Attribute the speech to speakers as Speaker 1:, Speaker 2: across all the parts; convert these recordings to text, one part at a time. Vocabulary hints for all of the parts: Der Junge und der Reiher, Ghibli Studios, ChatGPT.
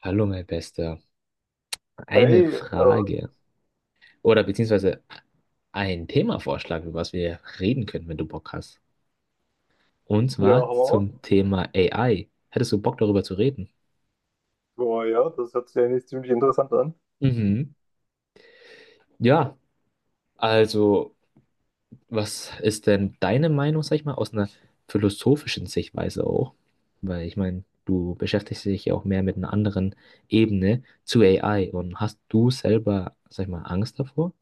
Speaker 1: Hallo, mein Bester. Eine
Speaker 2: Hey, äh,
Speaker 1: Frage oder beziehungsweise ein Themavorschlag, über was wir reden können, wenn du Bock hast. Und
Speaker 2: ja,
Speaker 1: zwar
Speaker 2: haben wir auch.
Speaker 1: zum Thema AI. Hättest du Bock, darüber zu reden?
Speaker 2: Boah, ja, das hört sich eigentlich ziemlich interessant an.
Speaker 1: Mhm. Ja, also, was ist denn deine Meinung, sag ich mal, aus einer philosophischen Sichtweise auch? Weil ich meine, du beschäftigst dich ja auch mehr mit einer anderen Ebene zu AI, und hast du selber, sag ich mal, Angst davor?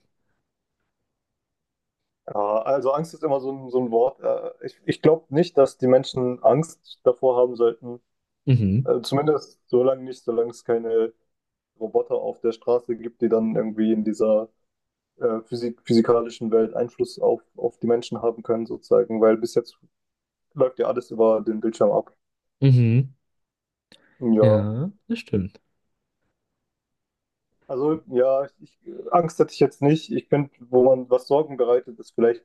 Speaker 2: Ja, also Angst ist immer so ein Wort. Ich glaube nicht, dass die Menschen Angst davor haben sollten.
Speaker 1: Mhm.
Speaker 2: Zumindest so lange nicht, solange es keine Roboter auf der Straße gibt, die dann irgendwie in dieser physikalischen Welt Einfluss auf die Menschen haben können, sozusagen. Weil bis jetzt läuft ja alles über den Bildschirm ab.
Speaker 1: Mhm.
Speaker 2: Ja,
Speaker 1: Ja, das stimmt.
Speaker 2: also ja, ich, Angst hätte ich jetzt nicht. Ich finde, wo man was Sorgen bereitet, ist vielleicht,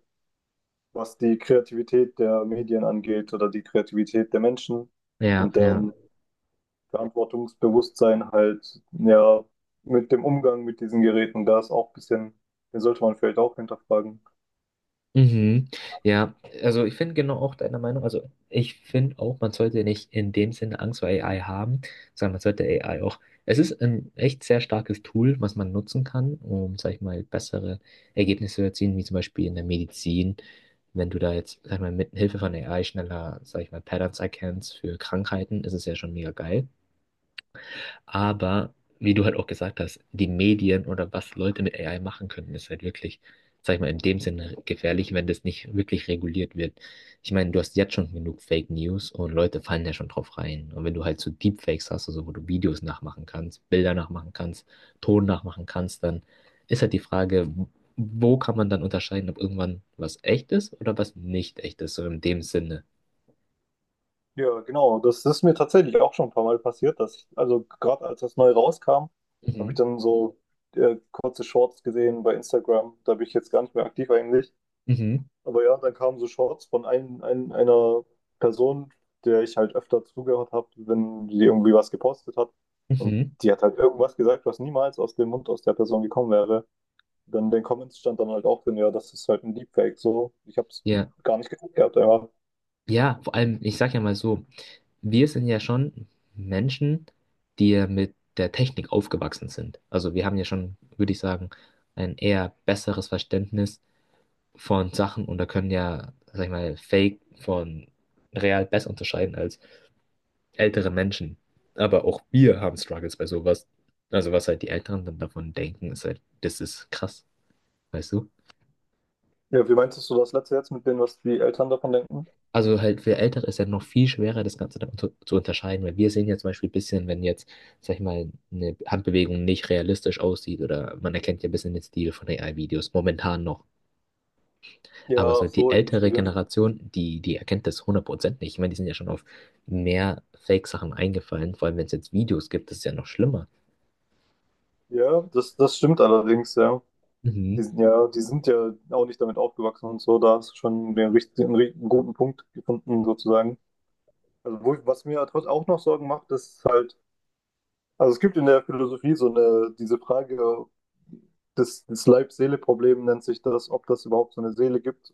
Speaker 2: was die Kreativität der Medien angeht oder die Kreativität der Menschen
Speaker 1: Ja,
Speaker 2: und
Speaker 1: ja.
Speaker 2: deren Verantwortungsbewusstsein halt, ja, mit dem Umgang mit diesen Geräten. Da ist auch ein bisschen, den sollte man vielleicht auch hinterfragen.
Speaker 1: Mhm. Ja, also ich finde genau auch deiner Meinung, also ich finde auch, man sollte nicht in dem Sinne Angst vor AI haben, sondern man sollte AI auch, es ist ein echt sehr starkes Tool, was man nutzen kann, um, sag ich mal, bessere Ergebnisse zu erzielen, wie zum Beispiel in der Medizin, wenn du da jetzt, sag ich mal, mit Hilfe von AI schneller, sag ich mal, Patterns erkennst für Krankheiten, ist es ja schon mega geil. Aber wie du halt auch gesagt hast, die Medien oder was Leute mit AI machen können, ist halt wirklich, sag ich mal, in dem Sinne gefährlich, wenn das nicht wirklich reguliert wird. Ich meine, du hast jetzt schon genug Fake News, und Leute fallen ja schon drauf rein. Und wenn du halt so Deepfakes hast, also wo du Videos nachmachen kannst, Bilder nachmachen kannst, Ton nachmachen kannst, dann ist halt die Frage, wo kann man dann unterscheiden, ob irgendwann was echt ist oder was nicht echt ist, so in dem Sinne.
Speaker 2: Ja, genau, das ist mir tatsächlich auch schon ein paar Mal passiert, dass ich, also gerade als das neu rauskam, habe ich
Speaker 1: Mhm.
Speaker 2: dann so kurze Shorts gesehen bei Instagram, da bin ich jetzt gar nicht mehr aktiv eigentlich.
Speaker 1: Mhm.
Speaker 2: Aber ja, dann kamen so Shorts von einer Person, der ich halt öfter zugehört habe, wenn die irgendwie was gepostet hat. Und
Speaker 1: Mhm.
Speaker 2: die hat halt irgendwas gesagt, was niemals aus dem Mund aus der Person gekommen wäre. Dann in den Comments stand dann halt auch drin, ja, das ist halt ein Deepfake. So, ich habe es
Speaker 1: Ja.
Speaker 2: gar nicht geguckt gehabt, einfach.
Speaker 1: Ja, vor allem, ich sag ja mal so, wir sind ja schon Menschen, die ja mit der Technik aufgewachsen sind. Also wir haben ja schon, würde ich sagen, ein eher besseres Verständnis von Sachen und da können ja, sag ich mal, Fake von real besser unterscheiden als ältere Menschen. Aber auch wir haben Struggles bei sowas. Also was halt die Älteren dann davon denken, ist halt, das ist krass, weißt du?
Speaker 2: Ja, wie meinst du das letzte jetzt mit dem, was die Eltern davon denken?
Speaker 1: Also halt für Ältere ist ja noch viel schwerer, das Ganze dann zu unterscheiden, weil wir sehen ja zum Beispiel ein bisschen, wenn jetzt, sag ich mal, eine Handbewegung nicht realistisch aussieht oder man erkennt ja ein bisschen den Stil von AI-Videos, momentan noch.
Speaker 2: Ja,
Speaker 1: Aber so
Speaker 2: ach
Speaker 1: die
Speaker 2: so, ich
Speaker 1: ältere
Speaker 2: verstehe.
Speaker 1: Generation, die erkennt das 100% nicht. Ich meine, die sind ja schon auf mehr Fake-Sachen eingefallen, vor allem wenn es jetzt Videos gibt, das ist ja noch schlimmer.
Speaker 2: Ja, das stimmt allerdings, ja. Die
Speaker 1: Mhm.
Speaker 2: sind ja, die sind ja auch nicht damit aufgewachsen und so. Da hast du schon den richtigen, einen guten Punkt gefunden, sozusagen. Also, wo, was mir halt trotz auch noch Sorgen macht, ist halt, also es gibt in der Philosophie so eine, diese Frage, das Leib-Seele-Problem nennt sich das, ob das überhaupt so eine Seele gibt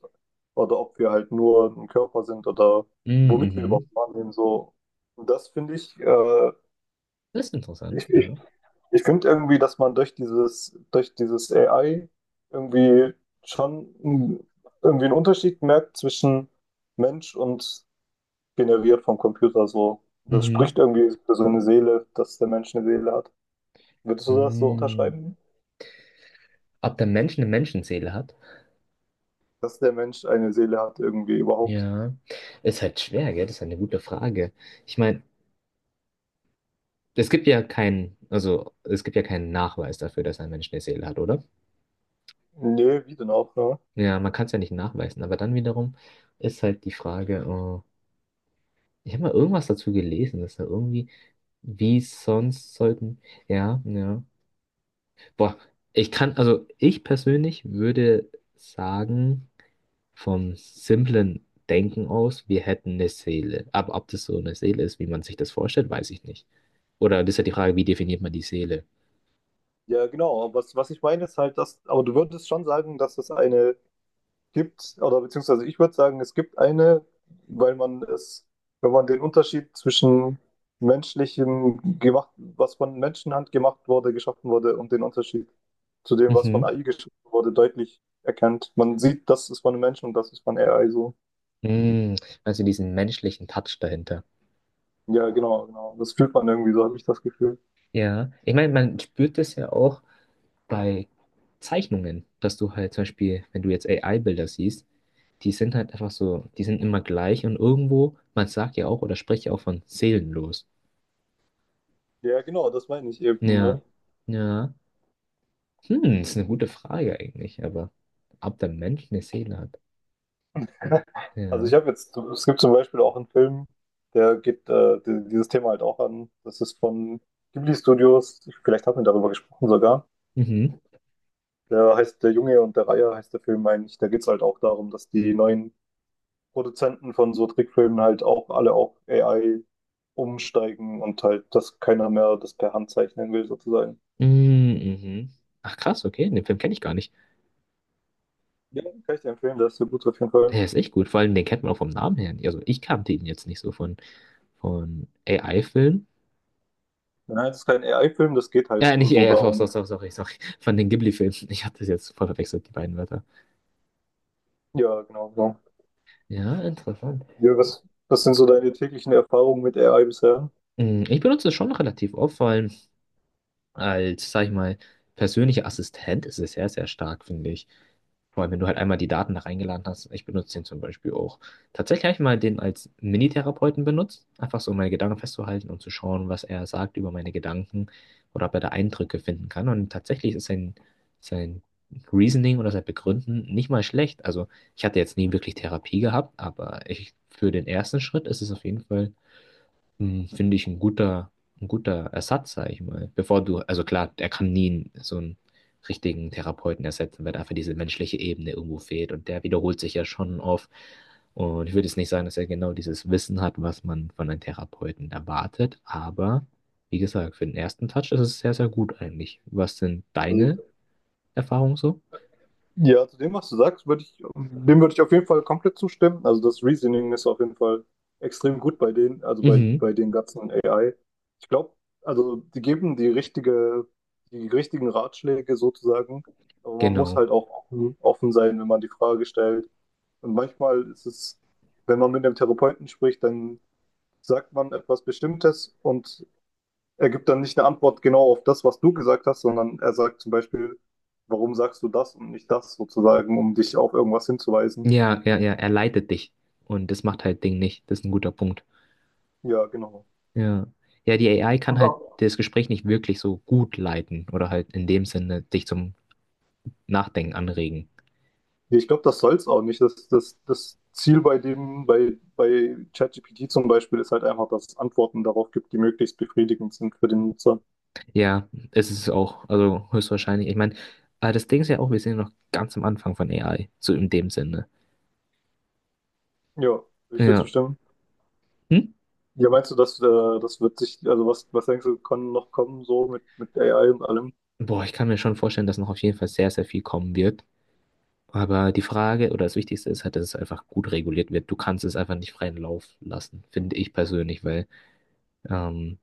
Speaker 2: oder ob wir halt nur ein Körper sind oder
Speaker 1: Mhm.
Speaker 2: womit wir überhaupt
Speaker 1: Mhm.
Speaker 2: wahrnehmen. So, und das finde ich,
Speaker 1: Das ist interessant,
Speaker 2: ich, ich,
Speaker 1: ja.
Speaker 2: ich finde irgendwie, dass man durch dieses AI irgendwie schon irgendwie einen Unterschied merkt zwischen Mensch und generiert vom Computer so. Das
Speaker 1: Mhm.
Speaker 2: spricht irgendwie für so eine Seele, dass der Mensch eine Seele hat. Würdest du das so
Speaker 1: Mhm.
Speaker 2: unterschreiben?
Speaker 1: Ob der Mensch eine Menschenseele hat?
Speaker 2: Dass der Mensch eine Seele hat irgendwie überhaupt?
Speaker 1: Ja, ist halt schwer, gell? Das ist eine gute Frage. Ich meine, es gibt ja keinen, also es gibt ja keinen Nachweis dafür, dass ein Mensch eine Seele hat, oder?
Speaker 2: Nee, wie denn auch, ne?
Speaker 1: Ja, man kann es ja nicht nachweisen, aber dann wiederum ist halt die Frage, äh, ich habe mal irgendwas dazu gelesen, dass da irgendwie, wie sonst sollten, ja, ja. Boah, ich kann, also ich persönlich würde sagen, vom simplen Denken aus, wir hätten eine Seele. Aber ob das so eine Seele ist, wie man sich das vorstellt, weiß ich nicht. Oder das ist ja die Frage, wie definiert man die Seele?
Speaker 2: Ja, genau. Was, was ich meine ist halt, dass, aber du würdest schon sagen, dass es eine gibt, oder beziehungsweise ich würde sagen, es gibt eine, weil man es, wenn man den Unterschied zwischen menschlichem gemacht, was von Menschenhand gemacht wurde, geschaffen wurde, und den Unterschied zu dem, was von
Speaker 1: Mhm.
Speaker 2: AI geschaffen wurde, deutlich erkennt. Man sieht, das ist von einem Menschen und das ist von AI so.
Speaker 1: Mm, Also diesen menschlichen Touch dahinter.
Speaker 2: Ja, genau. Das fühlt man irgendwie, so habe ich das Gefühl.
Speaker 1: Ja, ich meine, man spürt das ja auch bei Zeichnungen, dass du halt zum Beispiel, wenn du jetzt AI-Bilder siehst, die sind halt einfach so, die sind immer gleich und irgendwo, man sagt ja auch oder spricht ja auch von seelenlos.
Speaker 2: Ja, genau, das meine ich eben,
Speaker 1: Ja,
Speaker 2: ne?
Speaker 1: ja. Ist eine gute Frage eigentlich, aber ob der Mensch eine Seele hat.
Speaker 2: Also ich
Speaker 1: Ja.
Speaker 2: habe jetzt, es gibt zum Beispiel auch einen Film, der geht dieses Thema halt auch an. Das ist von Ghibli Studios. Ich- Vielleicht hat wir darüber gesprochen sogar.
Speaker 1: Mhm.
Speaker 2: Der heißt Der Junge und der Reiher heißt der Film eigentlich. Da geht es halt auch darum, dass die neuen Produzenten von so Trickfilmen halt auch alle auf AI umsteigen und halt, dass keiner mehr das per Hand zeichnen will sozusagen.
Speaker 1: Mm, Mhm. Ach krass, okay, den Film kenne ich gar nicht.
Speaker 2: Ja, kann ich dir empfehlen, der ist sehr gut auf jeden Fall.
Speaker 1: Er ist echt gut, vor allem den kennt man auch vom Namen her nicht. Also ich kannte ihn jetzt nicht so von AI-Filmen.
Speaker 2: Nein, das ist kein AI-Film, das geht halt
Speaker 1: Ja, nicht
Speaker 2: so
Speaker 1: AI, sorry,
Speaker 2: darum.
Speaker 1: sorry, sorry, sorry, von den Ghibli-Filmen. Ich hatte das jetzt voll verwechselt, die beiden Wörter.
Speaker 2: Ja, genau.
Speaker 1: Ja, interessant.
Speaker 2: Ja, was, was sind so deine täglichen Erfahrungen mit AI bisher?
Speaker 1: Ich benutze es schon relativ oft, vor allem als, sag ich mal, persönlicher Assistent ist es sehr, sehr stark, finde ich. Vor allem, wenn du halt einmal die Daten da reingeladen hast. Ich benutze den zum Beispiel auch. Tatsächlich habe ich mal den als Minitherapeuten benutzt, einfach so um meine Gedanken festzuhalten und zu schauen, was er sagt über meine Gedanken oder ob er da Eindrücke finden kann. Und tatsächlich ist sein Reasoning oder sein Begründen nicht mal schlecht. Also ich hatte jetzt nie wirklich Therapie gehabt, aber ich, für den ersten Schritt ist es auf jeden Fall finde ich ein guter Ersatz, sag ich mal. Bevor du, also klar, er kann nie so einen richtigen Therapeuten ersetzen, weil einfach diese menschliche Ebene irgendwo fehlt und der wiederholt sich ja schon oft. Und ich würde jetzt nicht sagen, dass er genau dieses Wissen hat, was man von einem Therapeuten erwartet, aber wie gesagt, für den ersten Touch ist es sehr, sehr gut eigentlich. Was sind deine
Speaker 2: Also,
Speaker 1: Erfahrungen so?
Speaker 2: ja, zu dem, was du sagst, würde ich, dem würde ich auf jeden Fall komplett zustimmen. Also das Reasoning ist auf jeden Fall extrem gut bei denen, also bei,
Speaker 1: Mhm,
Speaker 2: bei den ganzen AI. Ich glaube, also die geben die richtige, die richtigen Ratschläge sozusagen, aber man muss
Speaker 1: genau.
Speaker 2: halt auch offen sein, wenn man die Frage stellt. Und manchmal ist es, wenn man mit einem Therapeuten spricht, dann sagt man etwas Bestimmtes und er gibt dann nicht eine Antwort genau auf das, was du gesagt hast, sondern er sagt zum Beispiel, warum sagst du das und nicht das sozusagen, um dich auf irgendwas hinzuweisen.
Speaker 1: Ja, ja, ja, er leitet dich und das macht halt Ding nicht. Das ist ein guter Punkt.
Speaker 2: Ja, genau.
Speaker 1: Ja. Ja, die AI kann
Speaker 2: Und
Speaker 1: halt
Speaker 2: auch,
Speaker 1: das Gespräch nicht wirklich so gut leiten oder halt in dem Sinne dich zum Nachdenken anregen.
Speaker 2: ich glaube, das soll es auch nicht. Das Ziel bei dem, bei ChatGPT zum Beispiel, ist halt einfach, dass es Antworten darauf gibt, die möglichst befriedigend sind für den Nutzer.
Speaker 1: Ja, es ist auch, also höchstwahrscheinlich. Ich meine, aber das Ding ist ja auch, wir sind ja noch ganz am Anfang von AI, so in dem Sinne.
Speaker 2: Ja, würde ich dir
Speaker 1: Ja.
Speaker 2: zustimmen.
Speaker 1: Hm?
Speaker 2: Ja, meinst du, dass das wird sich, also was, was denkst du, kann noch kommen so mit AI und allem? Ich
Speaker 1: Boah, ich kann mir schon vorstellen, dass noch auf jeden Fall sehr, sehr viel kommen wird. Aber die Frage oder das Wichtigste ist halt, dass es einfach gut reguliert wird. Du kannst es einfach nicht freien Lauf lassen, finde ich persönlich, weil, ähm,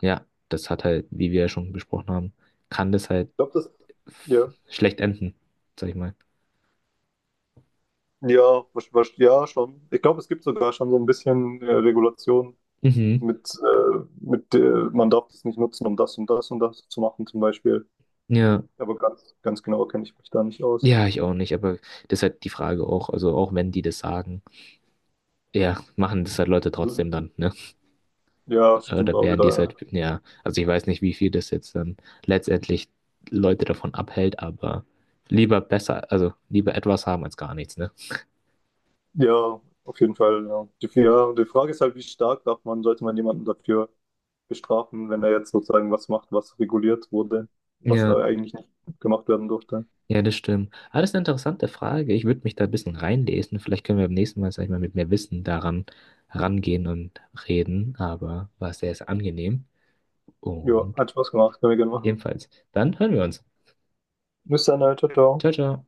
Speaker 1: ja, das hat halt, wie wir ja schon besprochen haben, kann das halt
Speaker 2: glaube, das, ja.
Speaker 1: schlecht enden, sag ich mal.
Speaker 2: Ja, ja, schon. Ich glaube, es gibt sogar schon so ein bisschen Regulation
Speaker 1: Mhm.
Speaker 2: mit man darf das nicht nutzen, um das und das und das zu machen, zum Beispiel.
Speaker 1: Ja,
Speaker 2: Aber ganz genau kenne ich mich da nicht aus.
Speaker 1: ja, ich auch nicht, aber das ist halt die Frage auch. Also auch wenn die das sagen, ja, machen das halt Leute
Speaker 2: Mhm.
Speaker 1: trotzdem dann, ne?
Speaker 2: Ja, stimmt
Speaker 1: Oder
Speaker 2: auch
Speaker 1: werden die es
Speaker 2: wieder.
Speaker 1: halt, ja, also ich weiß nicht, wie viel das jetzt dann letztendlich Leute davon abhält, aber lieber besser, also lieber etwas haben als gar nichts, ne?
Speaker 2: Ja, Ja, auf jeden Fall. Ja. Die, ja, die Frage ist halt, wie stark darf man, sollte man jemanden dafür bestrafen, wenn er jetzt sozusagen was macht, was reguliert wurde, was
Speaker 1: Ja,
Speaker 2: eigentlich nicht gemacht werden durfte.
Speaker 1: ja, das stimmt. Ah, das ist eine interessante Frage. Ich würde mich da ein bisschen reinlesen. Vielleicht können wir beim nächsten Mal, sag ich mal, mit mehr Wissen daran rangehen und reden, aber war sehr, sehr angenehm.
Speaker 2: Ja,
Speaker 1: Und
Speaker 2: hat Spaß gemacht, können wir gerne machen.
Speaker 1: ebenfalls, dann hören wir uns.
Speaker 2: Bis dann, ciao, ciao.
Speaker 1: Ciao, ciao.